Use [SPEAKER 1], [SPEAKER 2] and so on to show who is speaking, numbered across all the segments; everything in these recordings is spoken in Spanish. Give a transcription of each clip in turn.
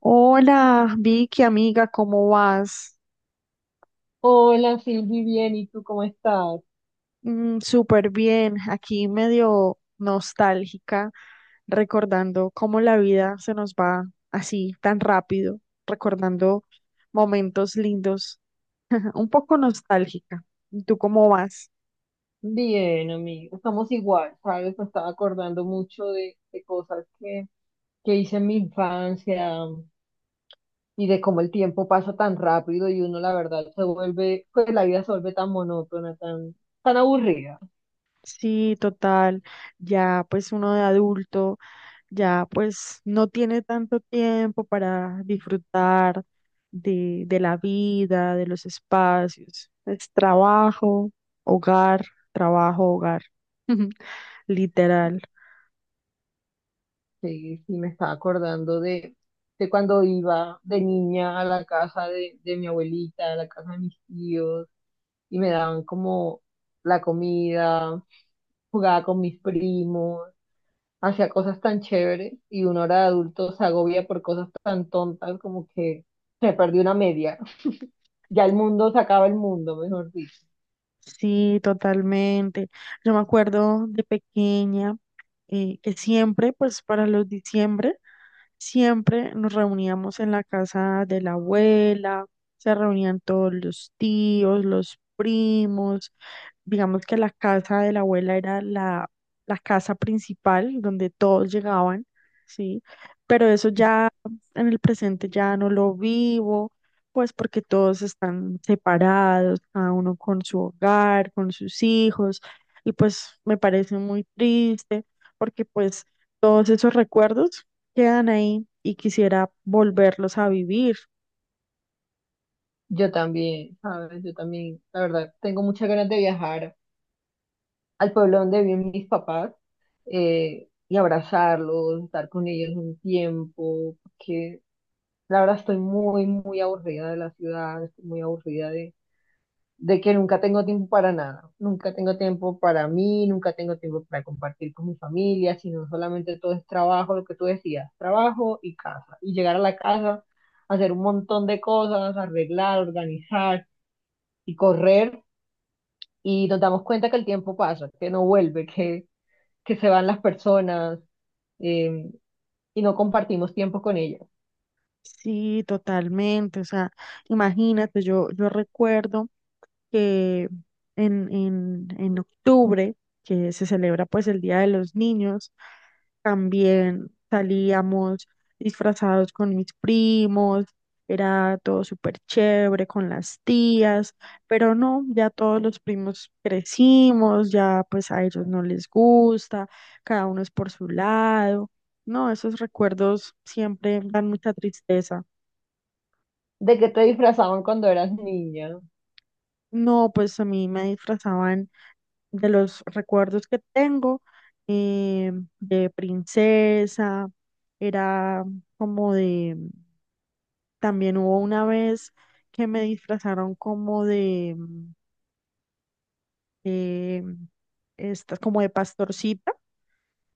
[SPEAKER 1] Hola, Vicky, amiga, ¿cómo vas?
[SPEAKER 2] Hola, Silvi, bien, ¿y tú cómo estás?
[SPEAKER 1] Súper bien, aquí medio nostálgica, recordando cómo la vida se nos va así tan rápido, recordando momentos lindos, un poco nostálgica. ¿Y tú cómo vas?
[SPEAKER 2] Bien, amigo, estamos igual, ¿sabes? Me estaba acordando mucho de cosas que hice en mi infancia, y de cómo el tiempo pasa tan rápido y uno, la verdad, se vuelve, pues la vida se vuelve tan monótona, tan aburrida.
[SPEAKER 1] Sí, total, ya pues uno de adulto. Ya pues no tiene tanto tiempo para disfrutar de la vida, de los espacios. Es hogar, trabajo, hogar, literal.
[SPEAKER 2] Sí, sí, me estaba acordando de cuando iba de niña a la casa de mi abuelita, a la casa de mis tíos y me daban como la comida, jugaba con mis primos, hacia cosas tan chéveres y uno ahora de adulto se agobia por cosas tan tontas como que se perdió una media. Ya el mundo se acaba el mundo, mejor dicho.
[SPEAKER 1] Sí, totalmente. Yo me acuerdo de pequeña, que siempre, pues para los diciembre, siempre nos reuníamos en la casa de la abuela, se reunían todos los tíos, los primos. Digamos que la casa de la abuela era la casa principal donde todos llegaban, ¿sí? Pero eso ya en el presente ya no lo vivo pues porque todos están separados, cada uno con su hogar, con sus hijos, y pues me parece muy triste porque pues todos esos recuerdos quedan ahí y quisiera volverlos a vivir.
[SPEAKER 2] Yo también, ¿sabes? Yo también, la verdad, tengo muchas ganas de viajar al pueblo donde viven mis papás, y abrazarlos, estar con ellos un tiempo, porque la verdad estoy muy, muy aburrida de la ciudad, estoy muy aburrida de que nunca tengo tiempo para nada, nunca tengo tiempo para mí, nunca tengo tiempo para compartir con mi familia, sino solamente todo es trabajo, lo que tú decías, trabajo y casa. Y llegar a la casa, hacer un montón de cosas, arreglar, organizar y correr, y nos damos cuenta que el tiempo pasa, que no vuelve, que se van las personas eh, y no compartimos tiempo con ellas.
[SPEAKER 1] Sí, totalmente. O sea, imagínate, yo recuerdo que en octubre, que se celebra pues el Día de los Niños, también salíamos disfrazados con mis primos, era todo súper chévere con las tías, pero no, ya todos los primos crecimos, ya pues a ellos no les gusta, cada uno es por su lado. No, esos recuerdos siempre dan mucha tristeza.
[SPEAKER 2] ¿De qué te disfrazaban cuando eras niña?
[SPEAKER 1] No, pues a mí me disfrazaban, de los recuerdos que tengo, eh, de princesa, era como de, también hubo una vez que me disfrazaron como de, eh, estas, como de pastorcita.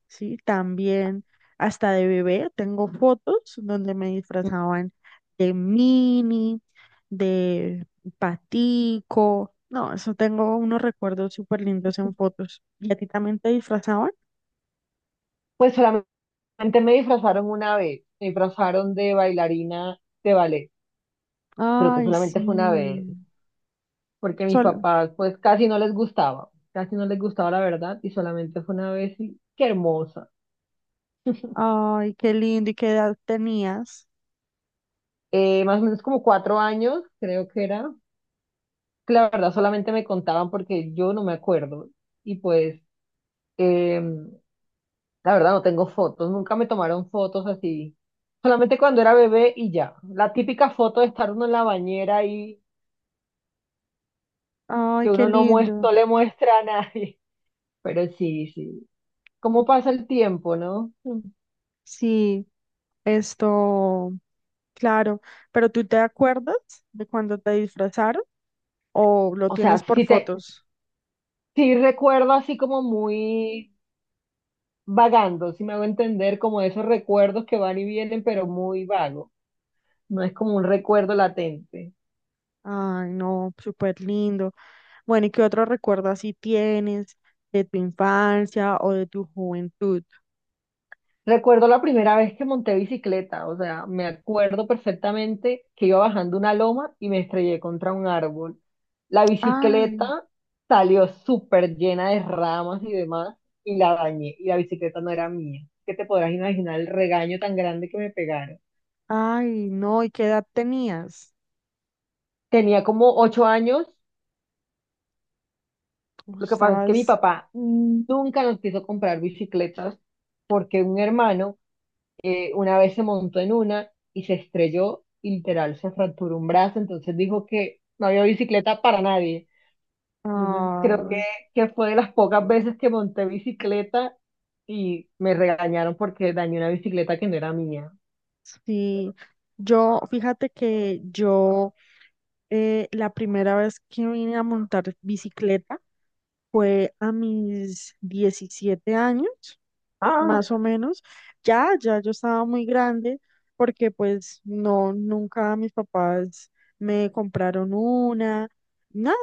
[SPEAKER 1] Sí, también hasta de bebé tengo fotos donde me disfrazaban de mini, de patico. No, eso tengo unos recuerdos súper lindos en fotos. ¿Y a ti también te disfrazaban?
[SPEAKER 2] Pues solamente antes me disfrazaron una vez, me disfrazaron de bailarina de ballet, creo que
[SPEAKER 1] Ay,
[SPEAKER 2] solamente
[SPEAKER 1] sí.
[SPEAKER 2] fue una vez, porque a mis
[SPEAKER 1] Sol.
[SPEAKER 2] papás pues casi no les gustaba, casi no les gustaba la verdad y solamente fue una vez y qué hermosa.
[SPEAKER 1] Ay, qué lindo. ¿Y qué edad tenías?
[SPEAKER 2] Más o menos como 4 años, creo que era, que la verdad solamente me contaban porque yo no me acuerdo y pues eh, la verdad no tengo fotos, nunca me tomaron fotos así, solamente cuando era bebé y ya, la típica foto de estar uno en la bañera
[SPEAKER 1] Ay,
[SPEAKER 2] que
[SPEAKER 1] qué
[SPEAKER 2] uno no,
[SPEAKER 1] lindo.
[SPEAKER 2] no le muestra a nadie. Pero sí, sí. ¿Cómo pasa el tiempo, no? Mm.
[SPEAKER 1] Sí, esto, claro. ¿Pero tú te acuerdas de cuando te disfrazaron o lo
[SPEAKER 2] O sea,
[SPEAKER 1] tienes por
[SPEAKER 2] sí, te,
[SPEAKER 1] fotos?
[SPEAKER 2] sí recuerdo así como muy vagando, si me hago entender, como esos recuerdos que van y vienen, pero muy vago. No es como un recuerdo latente.
[SPEAKER 1] Ay, no, súper lindo. Bueno, ¿y qué otro recuerdo así tienes de tu infancia o de tu juventud?
[SPEAKER 2] Recuerdo la primera vez que monté bicicleta, o sea, me acuerdo perfectamente que iba bajando una loma y me estrellé contra un árbol. La
[SPEAKER 1] Ah.
[SPEAKER 2] bicicleta salió súper llena de ramas y demás y la dañé y la bicicleta no era mía. ¿Qué te podrás imaginar el regaño tan grande que me pegaron?
[SPEAKER 1] Ay, no, ¿y qué edad tenías?
[SPEAKER 2] Tenía como 8 años,
[SPEAKER 1] ¿Cómo
[SPEAKER 2] lo que pasa es que mi
[SPEAKER 1] estabas?
[SPEAKER 2] papá nunca nos quiso comprar bicicletas porque un hermano, una vez se montó en una y se estrelló y literal se fracturó un brazo, entonces dijo que no había bicicleta para nadie. Entonces creo
[SPEAKER 1] Ay.
[SPEAKER 2] que fue de las pocas veces que monté bicicleta y me regañaron porque dañé una bicicleta que no era mía.
[SPEAKER 1] Sí, yo, fíjate que yo, la primera vez que vine a montar bicicleta fue a mis 17 años,
[SPEAKER 2] Ah,
[SPEAKER 1] más o menos. Ya yo estaba muy grande porque pues no, nunca mis papás me compraron una, nada.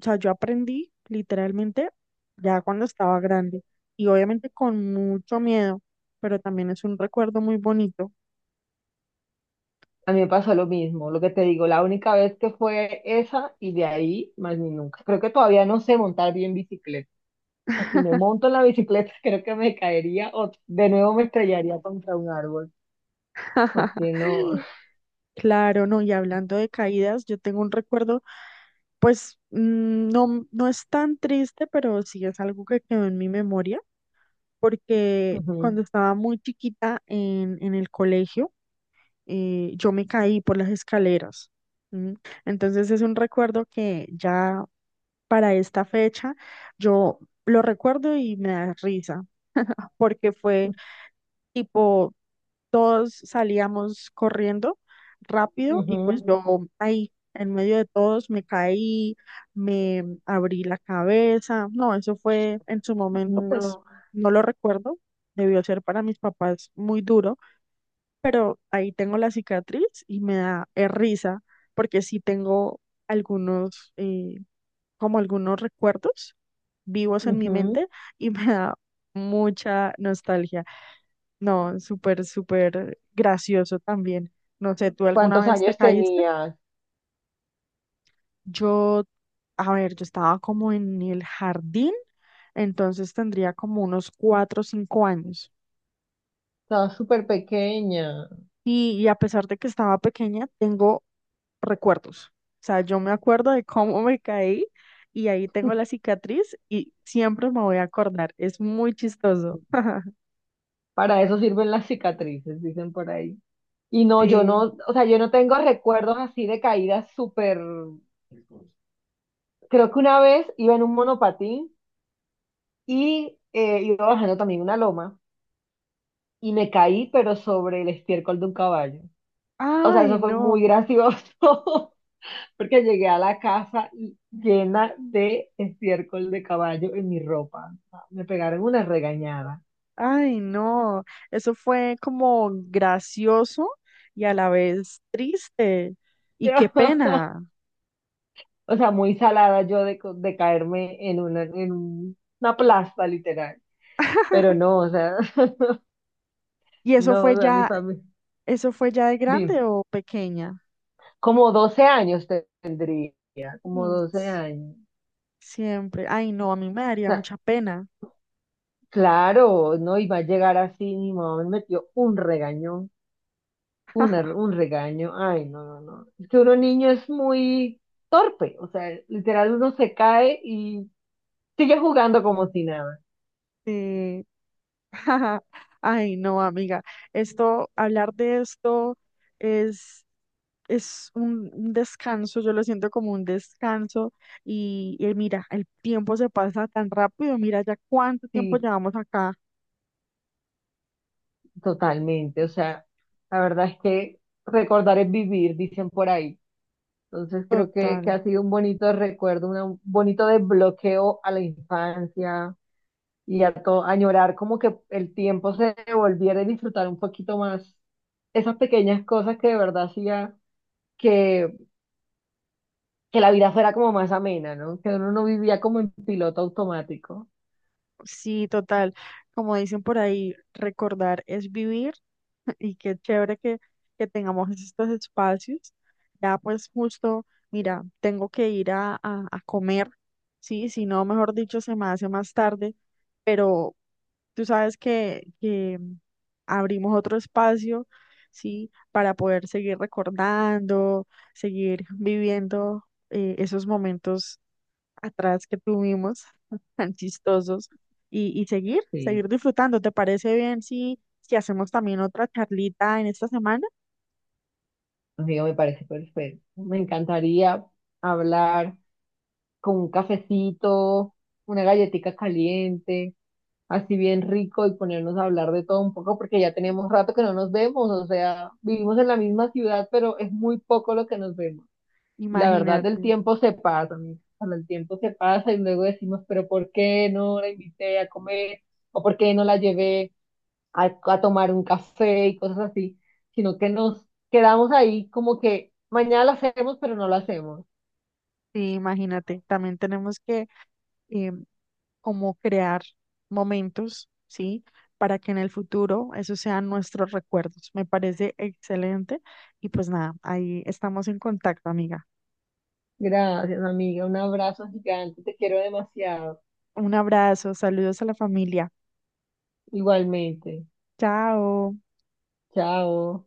[SPEAKER 1] O sea, yo aprendí literalmente ya cuando estaba grande y obviamente con mucho miedo, pero también es un recuerdo muy bonito.
[SPEAKER 2] a mí me pasó lo mismo, lo que te digo, la única vez que fue esa y de ahí más ni nunca. Creo que todavía no sé montar bien bicicleta. Si me monto en la bicicleta, creo que me caería o de nuevo me estrellaría contra un árbol, porque no,
[SPEAKER 1] Claro, no, y hablando de caídas, yo tengo un recuerdo, pues mm, no, no es tan triste, pero sí es algo que quedó en mi memoria, porque
[SPEAKER 2] Ujú,
[SPEAKER 1] cuando estaba muy chiquita en el colegio, yo me caí por las escaleras. ¿M? Entonces es un recuerdo que ya para esta fecha yo lo recuerdo y me da risa, porque fue tipo todos salíamos corriendo rápido y pues
[SPEAKER 2] ujú,
[SPEAKER 1] yo ahí, en medio de todos, me caí, me abrí la cabeza. No, eso fue en su momento, pues
[SPEAKER 2] no,
[SPEAKER 1] no lo recuerdo. Debió ser para mis papás muy duro, pero ahí tengo la cicatriz y me da risa porque sí tengo algunos, eh, como algunos recuerdos vivos en mi
[SPEAKER 2] ujú.
[SPEAKER 1] mente y me da mucha nostalgia. No, súper, súper gracioso también. No sé, ¿tú alguna
[SPEAKER 2] ¿Cuántos
[SPEAKER 1] vez te
[SPEAKER 2] años
[SPEAKER 1] caíste?
[SPEAKER 2] tenías?
[SPEAKER 1] Yo, a ver, yo estaba como en el jardín, entonces tendría como unos 4 o 5 años.
[SPEAKER 2] Estaba súper pequeña.
[SPEAKER 1] Y a pesar de que estaba pequeña, tengo recuerdos. O sea, yo me acuerdo de cómo me caí y ahí tengo la cicatriz y siempre me voy a acordar. Es muy chistoso.
[SPEAKER 2] Para eso sirven las cicatrices, dicen por ahí. Y no, yo
[SPEAKER 1] Sí.
[SPEAKER 2] no, o sea, yo no tengo recuerdos así de caídas súper. Creo que una vez iba en un monopatín y, iba bajando también una loma y me caí, pero sobre el estiércol de un caballo. O sea,
[SPEAKER 1] Ay,
[SPEAKER 2] eso fue muy
[SPEAKER 1] no.
[SPEAKER 2] gracioso. Porque llegué a la casa y- llena de estiércol de caballo en mi ropa. O sea, me pegaron una regañada.
[SPEAKER 1] Ay, no, eso fue como gracioso y a la vez triste. Y qué pena.
[SPEAKER 2] O sea, muy salada yo de, de caerme en una, una plasta, literal. Pero no, o sea,
[SPEAKER 1] ¿Y
[SPEAKER 2] no, o sea, mi familia.
[SPEAKER 1] eso fue ya de
[SPEAKER 2] Dime,
[SPEAKER 1] grande o pequeña?
[SPEAKER 2] como 12 años tendría, como
[SPEAKER 1] Mm,
[SPEAKER 2] 12
[SPEAKER 1] s-
[SPEAKER 2] años. O
[SPEAKER 1] Siempre. Ay, no, a mí me daría
[SPEAKER 2] sea,
[SPEAKER 1] mucha pena.
[SPEAKER 2] claro, no iba a llegar así, mi mamá me metió un regañón. Un regaño, ay, no, no, no. Es que uno niño es muy torpe, o sea, literal uno se cae y sigue jugando como si nada.
[SPEAKER 1] Sí. Ay, no, amiga. Esto, hablar de esto es es un descanso, yo lo siento como un descanso y mira, el tiempo se pasa tan rápido, mira ya cuánto tiempo
[SPEAKER 2] Sí,
[SPEAKER 1] llevamos acá.
[SPEAKER 2] totalmente, o sea, la verdad es que recordar es vivir, dicen por ahí. Entonces creo que
[SPEAKER 1] Total,
[SPEAKER 2] ha sido un bonito recuerdo, un bonito desbloqueo a la infancia y a todo, añorar como que el tiempo se volviera a disfrutar un poquito más esas pequeñas cosas que de verdad hacía que que la vida fuera como más amena, ¿no? Que uno no vivía como en piloto automático.
[SPEAKER 1] sí, total. Como dicen por ahí, recordar es vivir y qué chévere que tengamos estos espacios. Ya pues justo, mira, tengo que ir a comer, sí, si no, mejor dicho, se me hace más tarde, pero tú sabes que abrimos otro espacio, ¿sí? Para poder seguir recordando, seguir viviendo, esos momentos atrás que tuvimos, tan chistosos, y,
[SPEAKER 2] Sí,
[SPEAKER 1] seguir disfrutando. ¿Te parece bien si hacemos también otra charlita en esta semana?
[SPEAKER 2] amigo, me parece perfecto. Me encantaría hablar con un cafecito, una galletita caliente, así bien rico y ponernos a hablar de todo un poco porque ya tenemos rato que no nos vemos, o sea, vivimos en la misma ciudad, pero es muy poco lo que nos vemos. Y la verdad, el
[SPEAKER 1] Imagínate,
[SPEAKER 2] tiempo se pasa, amigo. O sea, el tiempo se pasa y luego decimos, pero ¿por qué no la invité a comer? ¿O por qué no la llevé a tomar un café y cosas así, sino que nos quedamos ahí como que mañana lo hacemos, pero no lo hacemos?
[SPEAKER 1] sí, imagínate. También tenemos que, eh, cómo crear momentos, ¿sí? Para que en el futuro esos sean nuestros recuerdos. Me parece excelente. Y pues nada, ahí estamos en contacto, amiga.
[SPEAKER 2] Gracias, amiga. Un abrazo gigante. Te quiero demasiado.
[SPEAKER 1] Un abrazo, saludos a la familia.
[SPEAKER 2] Igualmente.
[SPEAKER 1] Chao.
[SPEAKER 2] Chao.